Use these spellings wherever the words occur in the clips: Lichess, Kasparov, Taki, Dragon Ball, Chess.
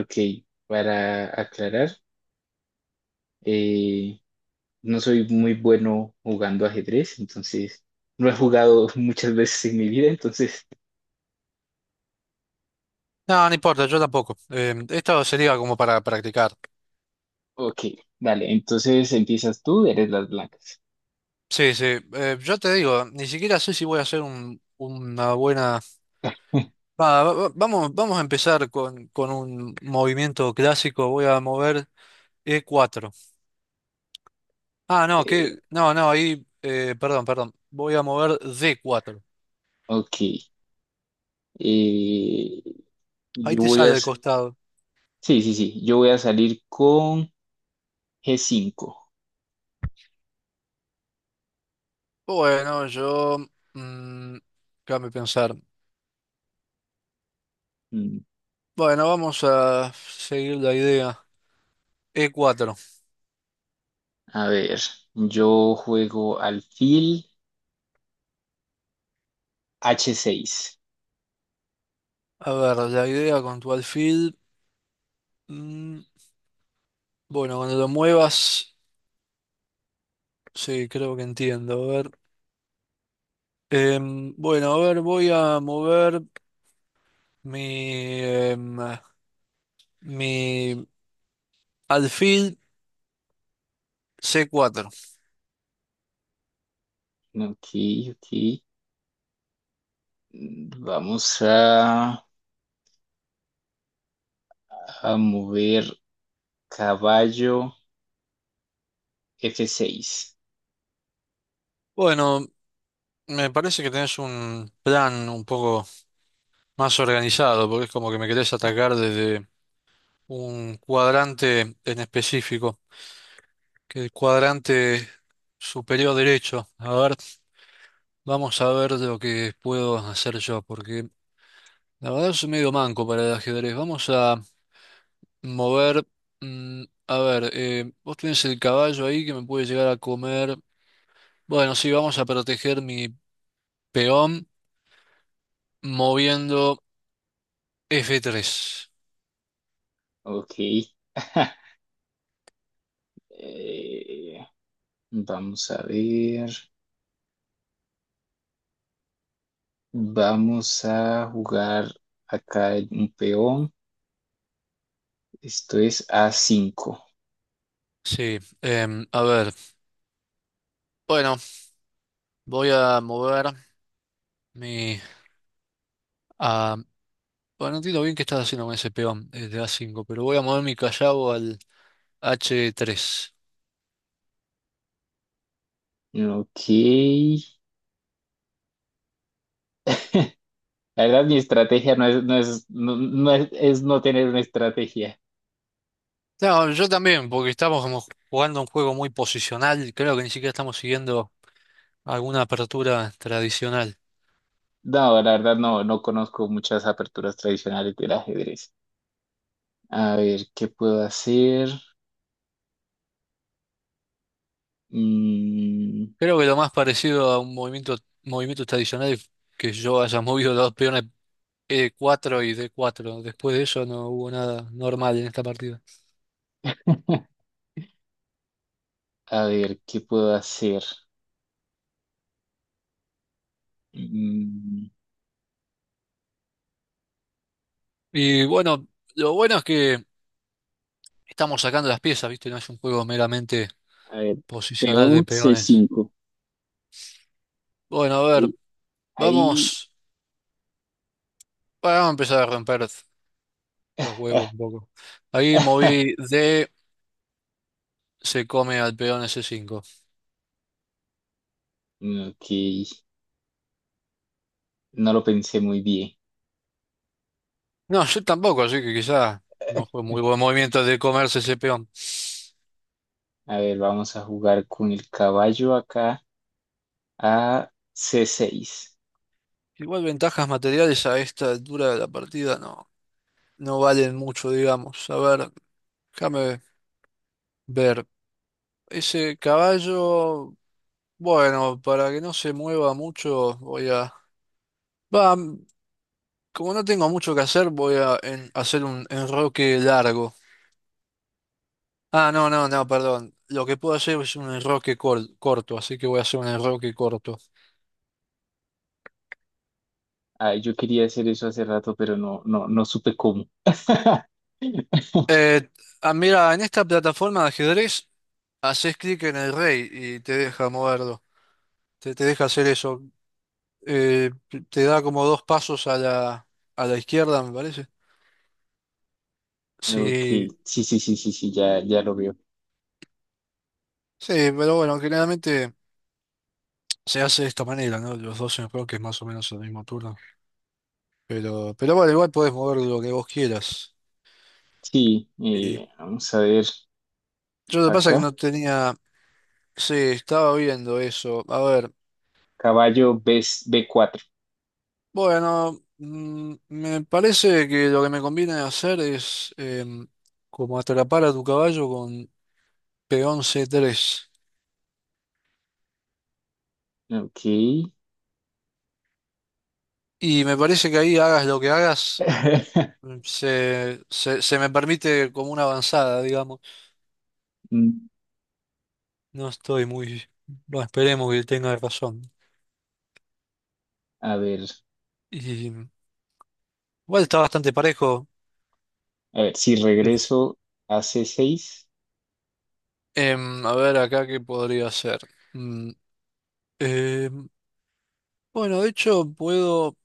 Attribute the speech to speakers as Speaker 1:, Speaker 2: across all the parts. Speaker 1: Ok, para aclarar, eh, no soy muy bueno jugando ajedrez, entonces no he jugado muchas veces en mi vida, entonces,
Speaker 2: No, no importa, yo tampoco. Esto sería como para practicar.
Speaker 1: ok, dale, entonces empiezas tú, eres las blancas.
Speaker 2: Sí, sí. Yo te digo, ni siquiera sé si voy a hacer una buena... Vamos a empezar con un movimiento clásico. Voy a mover e cuatro. Ah, no,
Speaker 1: Eh,
Speaker 2: que... No, no, ahí... perdón, perdón. Voy a mover d cuatro.
Speaker 1: ok, eh,
Speaker 2: Ahí
Speaker 1: yo
Speaker 2: te
Speaker 1: voy a,
Speaker 2: sale al
Speaker 1: s-
Speaker 2: costado.
Speaker 1: Sí, sí, sí, yo voy a salir con G5.
Speaker 2: Bueno, yo... mm, déjame pensar.
Speaker 1: Mm,
Speaker 2: Bueno, vamos a seguir la idea. E cuatro.
Speaker 1: a ver, yo juego alfil H6.
Speaker 2: A ver, la idea con tu alfil. Mm, bueno, cuando lo muevas, sí, creo que entiendo. A ver. Bueno, a ver, voy a mover mi, em, mi alfil c cuatro.
Speaker 1: Ok, ok, mm, vamos a... A mover caballo F6.
Speaker 2: Bueno, me parece que tenés un plan un poco más organizado, porque es como que me querés atacar desde un cuadrante en específico, que el cuadrante superior derecho. A ver, vamos a ver lo que puedo hacer yo, porque la verdad es medio manco para el ajedrez. Vamos a mover. A ver, vos tenés el caballo ahí que me puede llegar a comer. Bueno, sí, vamos a proteger mi peón moviendo f tres.
Speaker 1: Ok. Eh, vamos a ver. Vamos a jugar acá un peón. Esto es a cinco.
Speaker 2: Sí, a ver. Bueno, voy a mover mi... a- bueno, no entiendo bien qué estás haciendo con ese peón desde a cinco, pero voy a mover mi callado al h tres.
Speaker 1: Ok. La verdad, mi estrategia es no tener una estrategia.
Speaker 2: No, yo también, porque estamos como jugando un juego muy posicional. Creo que ni siquiera estamos siguiendo alguna apertura tradicional.
Speaker 1: No, la verdad no, no conozco muchas aperturas tradicionales del ajedrez. A ver, ¿qué puedo hacer? Mm.
Speaker 2: Creo que lo más parecido a un movimiento, movimiento tradicional es que yo haya movido los dos peones E4 y D4. Después de eso no hubo nada normal en esta partida.
Speaker 1: A ver, ¿qué puedo hacer? Mm,
Speaker 2: Y bueno, lo bueno es que estamos sacando las piezas, ¿viste? No es un juego meramente
Speaker 1: a ver,
Speaker 2: posicional de
Speaker 1: peón
Speaker 2: peones.
Speaker 1: C5.
Speaker 2: Bueno, a ver,
Speaker 1: Ahí, ahí.
Speaker 2: vamos, bueno, vamos a empezar a romper los huevos un poco. Ahí moví D, se come al peón S5.
Speaker 1: Ok, no lo pensé muy bien.
Speaker 2: No, yo tampoco, así que quizá no fue muy buen movimiento de comerse ese peón.
Speaker 1: A ver, vamos a jugar con el caballo acá a C6.
Speaker 2: Igual ventajas materiales a esta altura de la partida no, no valen mucho, digamos. A ver, déjame ver. Ese caballo, bueno, para que no se mueva mucho, voy a... Va, como no tengo mucho que hacer, voy a hacer un enroque largo. Ah, no, no, no, perdón. Lo que puedo hacer es un enroque corto, así que voy a hacer un enroque corto.
Speaker 1: Ah, yo quería hacer eso hace rato, pero no supe cómo.
Speaker 2: Eh, ah, mira, en esta plataforma de ajedrez haces clic en el rey y te deja moverlo, te deja hacer eso. Te da como dos pasos a la izquierda, me parece.
Speaker 1: Ok,
Speaker 2: Sí,
Speaker 1: sí, sí, sí, sí, sí, ya, ya lo veo.
Speaker 2: sí, pero bueno, generalmente se hace de esta manera, ¿no? Los dos en que es más o menos el mismo turno. Pero bueno, igual podés mover lo que vos quieras.
Speaker 1: Sí,
Speaker 2: Y
Speaker 1: vamos a ver
Speaker 2: yo lo que pasa es que
Speaker 1: acá.
Speaker 2: no tenía... Sí, estaba viendo eso. A ver.
Speaker 1: Caballo B, B4.
Speaker 2: Bueno, me parece que lo que me conviene hacer es como atrapar a tu caballo con peón c tres.
Speaker 1: Ok.
Speaker 2: Y me parece que ahí hagas lo que hagas, se me permite como una avanzada, digamos.
Speaker 1: Mm,
Speaker 2: No estoy muy... No esperemos que tenga razón.
Speaker 1: a ver.
Speaker 2: Y igual está bastante parejo.
Speaker 1: A ver, si
Speaker 2: ¿Qué sé yo?
Speaker 1: regreso a c seis,
Speaker 2: A ver acá qué podría hacer. Mm, em, bueno, de hecho puedo...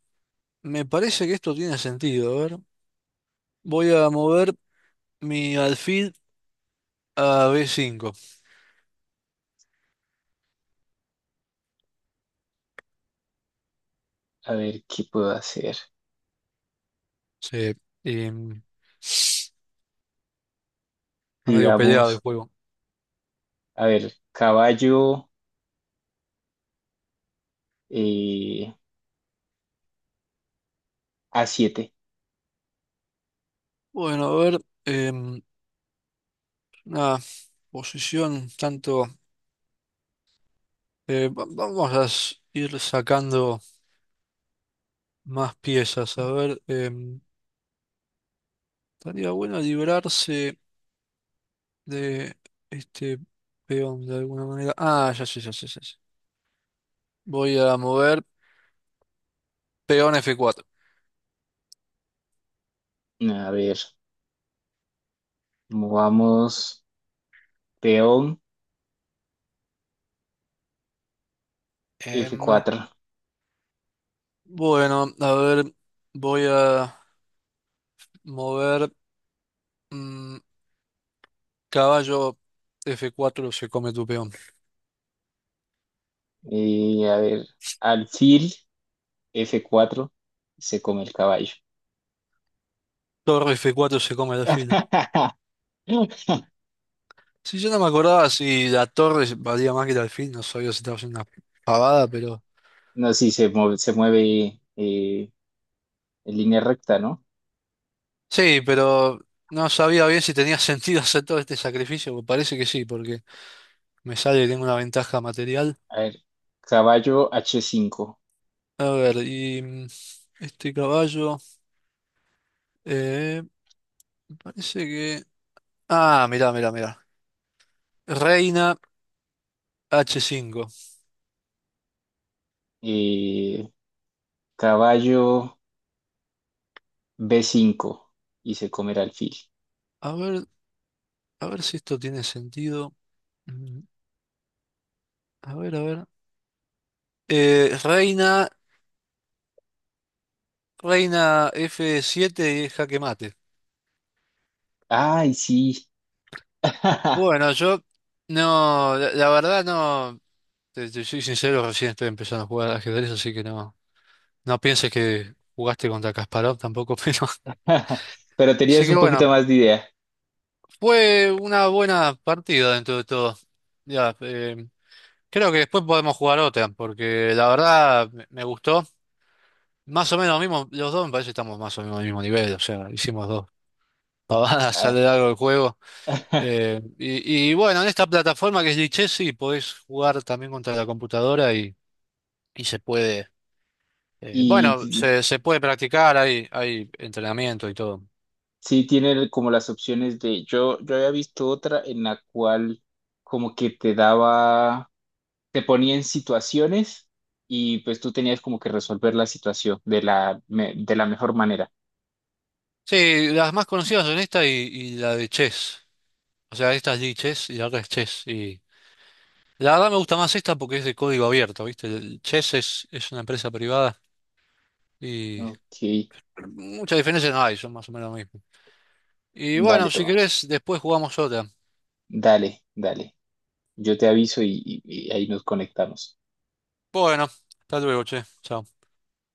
Speaker 2: Me parece que esto tiene sentido. A ver, voy a mover... Mi alfil a b cinco.
Speaker 1: a ver qué puedo hacer.
Speaker 2: Sí. Y, está medio peleado el
Speaker 1: Digamos,
Speaker 2: juego.
Speaker 1: a ver, caballo eh, a siete.
Speaker 2: Bueno, a ver. em, una posición tanto. Vamos a ir sacando más piezas. A ver. Estaría bueno librarse de este peón de alguna manera. Ah, ya sé, ya sé, ya sé. Voy a mover peón f cuatro.
Speaker 1: A ver, movamos peón f
Speaker 2: Em,
Speaker 1: cuatro.
Speaker 2: bueno, a ver. Voy a mover. mm, Caballo f cuatro se come tu peón.
Speaker 1: A ver, alfil f cuatro. Se come el caballo.
Speaker 2: Torre f cuatro se come el alfil. Si yo no me acordaba si la torre valía más que el alfil, no sabía si estaba haciendo una pavada, pero...
Speaker 1: No, sí, se mueve en línea recta, ¿no?
Speaker 2: Sí, pero no sabía bien si tenía sentido hacer todo este sacrificio, pues parece que sí, porque me sale que tengo una ventaja material.
Speaker 1: A ver, caballo h cinco,
Speaker 2: A ver, y este caballo... eh, parece que... Ah, mirá, mirá, mirá. Reina h cinco.
Speaker 1: eh, caballo b cinco y se comerá alfil.
Speaker 2: A ver, a ver si esto tiene sentido. Mm, a ver, a ver. Eh, reina, reina F7 y jaque mate.
Speaker 1: Ay, sí.
Speaker 2: Bueno, yo no, la verdad no, te soy sincero, recién estoy empezando a jugar al ajedrez, así que no, no pienses que jugaste contra Kasparov tampoco, pero
Speaker 1: Pero
Speaker 2: así
Speaker 1: tenías
Speaker 2: que
Speaker 1: un poquito
Speaker 2: bueno,
Speaker 1: más de idea.
Speaker 2: fue una buena partida dentro de todo. Ya, creo que después podemos jugar otra, porque la verdad me gustó. Más o menos lo mismo, los dos me parece que estamos más o menos al mismo nivel, o sea, hicimos dos pavadas a
Speaker 1: Ah.
Speaker 2: lo largo del juego. Y bueno, en esta plataforma que es Lichess, sí, podés jugar también contra la computadora y se puede,
Speaker 1: Y
Speaker 2: bueno,
Speaker 1: t-
Speaker 2: se puede practicar, hay entrenamiento y todo.
Speaker 1: sí tiene como las opciones de, yo había visto otra en la cual como que te daba, te ponía en situaciones y pues tú tenías como que resolver la situación de la, me- de la mejor manera.
Speaker 2: Sí, las más conocidas son esta y la de Chess. O sea, esta es Lichess y la otra es Chess. Y la verdad me gusta más esta porque es de código abierto, ¿viste? El Chess es una empresa privada y
Speaker 1: Ok,
Speaker 2: muchas diferencias no hay, son más o menos lo mismo. Y bueno,
Speaker 1: dale,
Speaker 2: si
Speaker 1: Tomás.
Speaker 2: querés, después jugamos otra.
Speaker 1: Dale, dale. Yo te aviso y ahí nos conectamos.
Speaker 2: Bueno, hasta luego, che. Chao.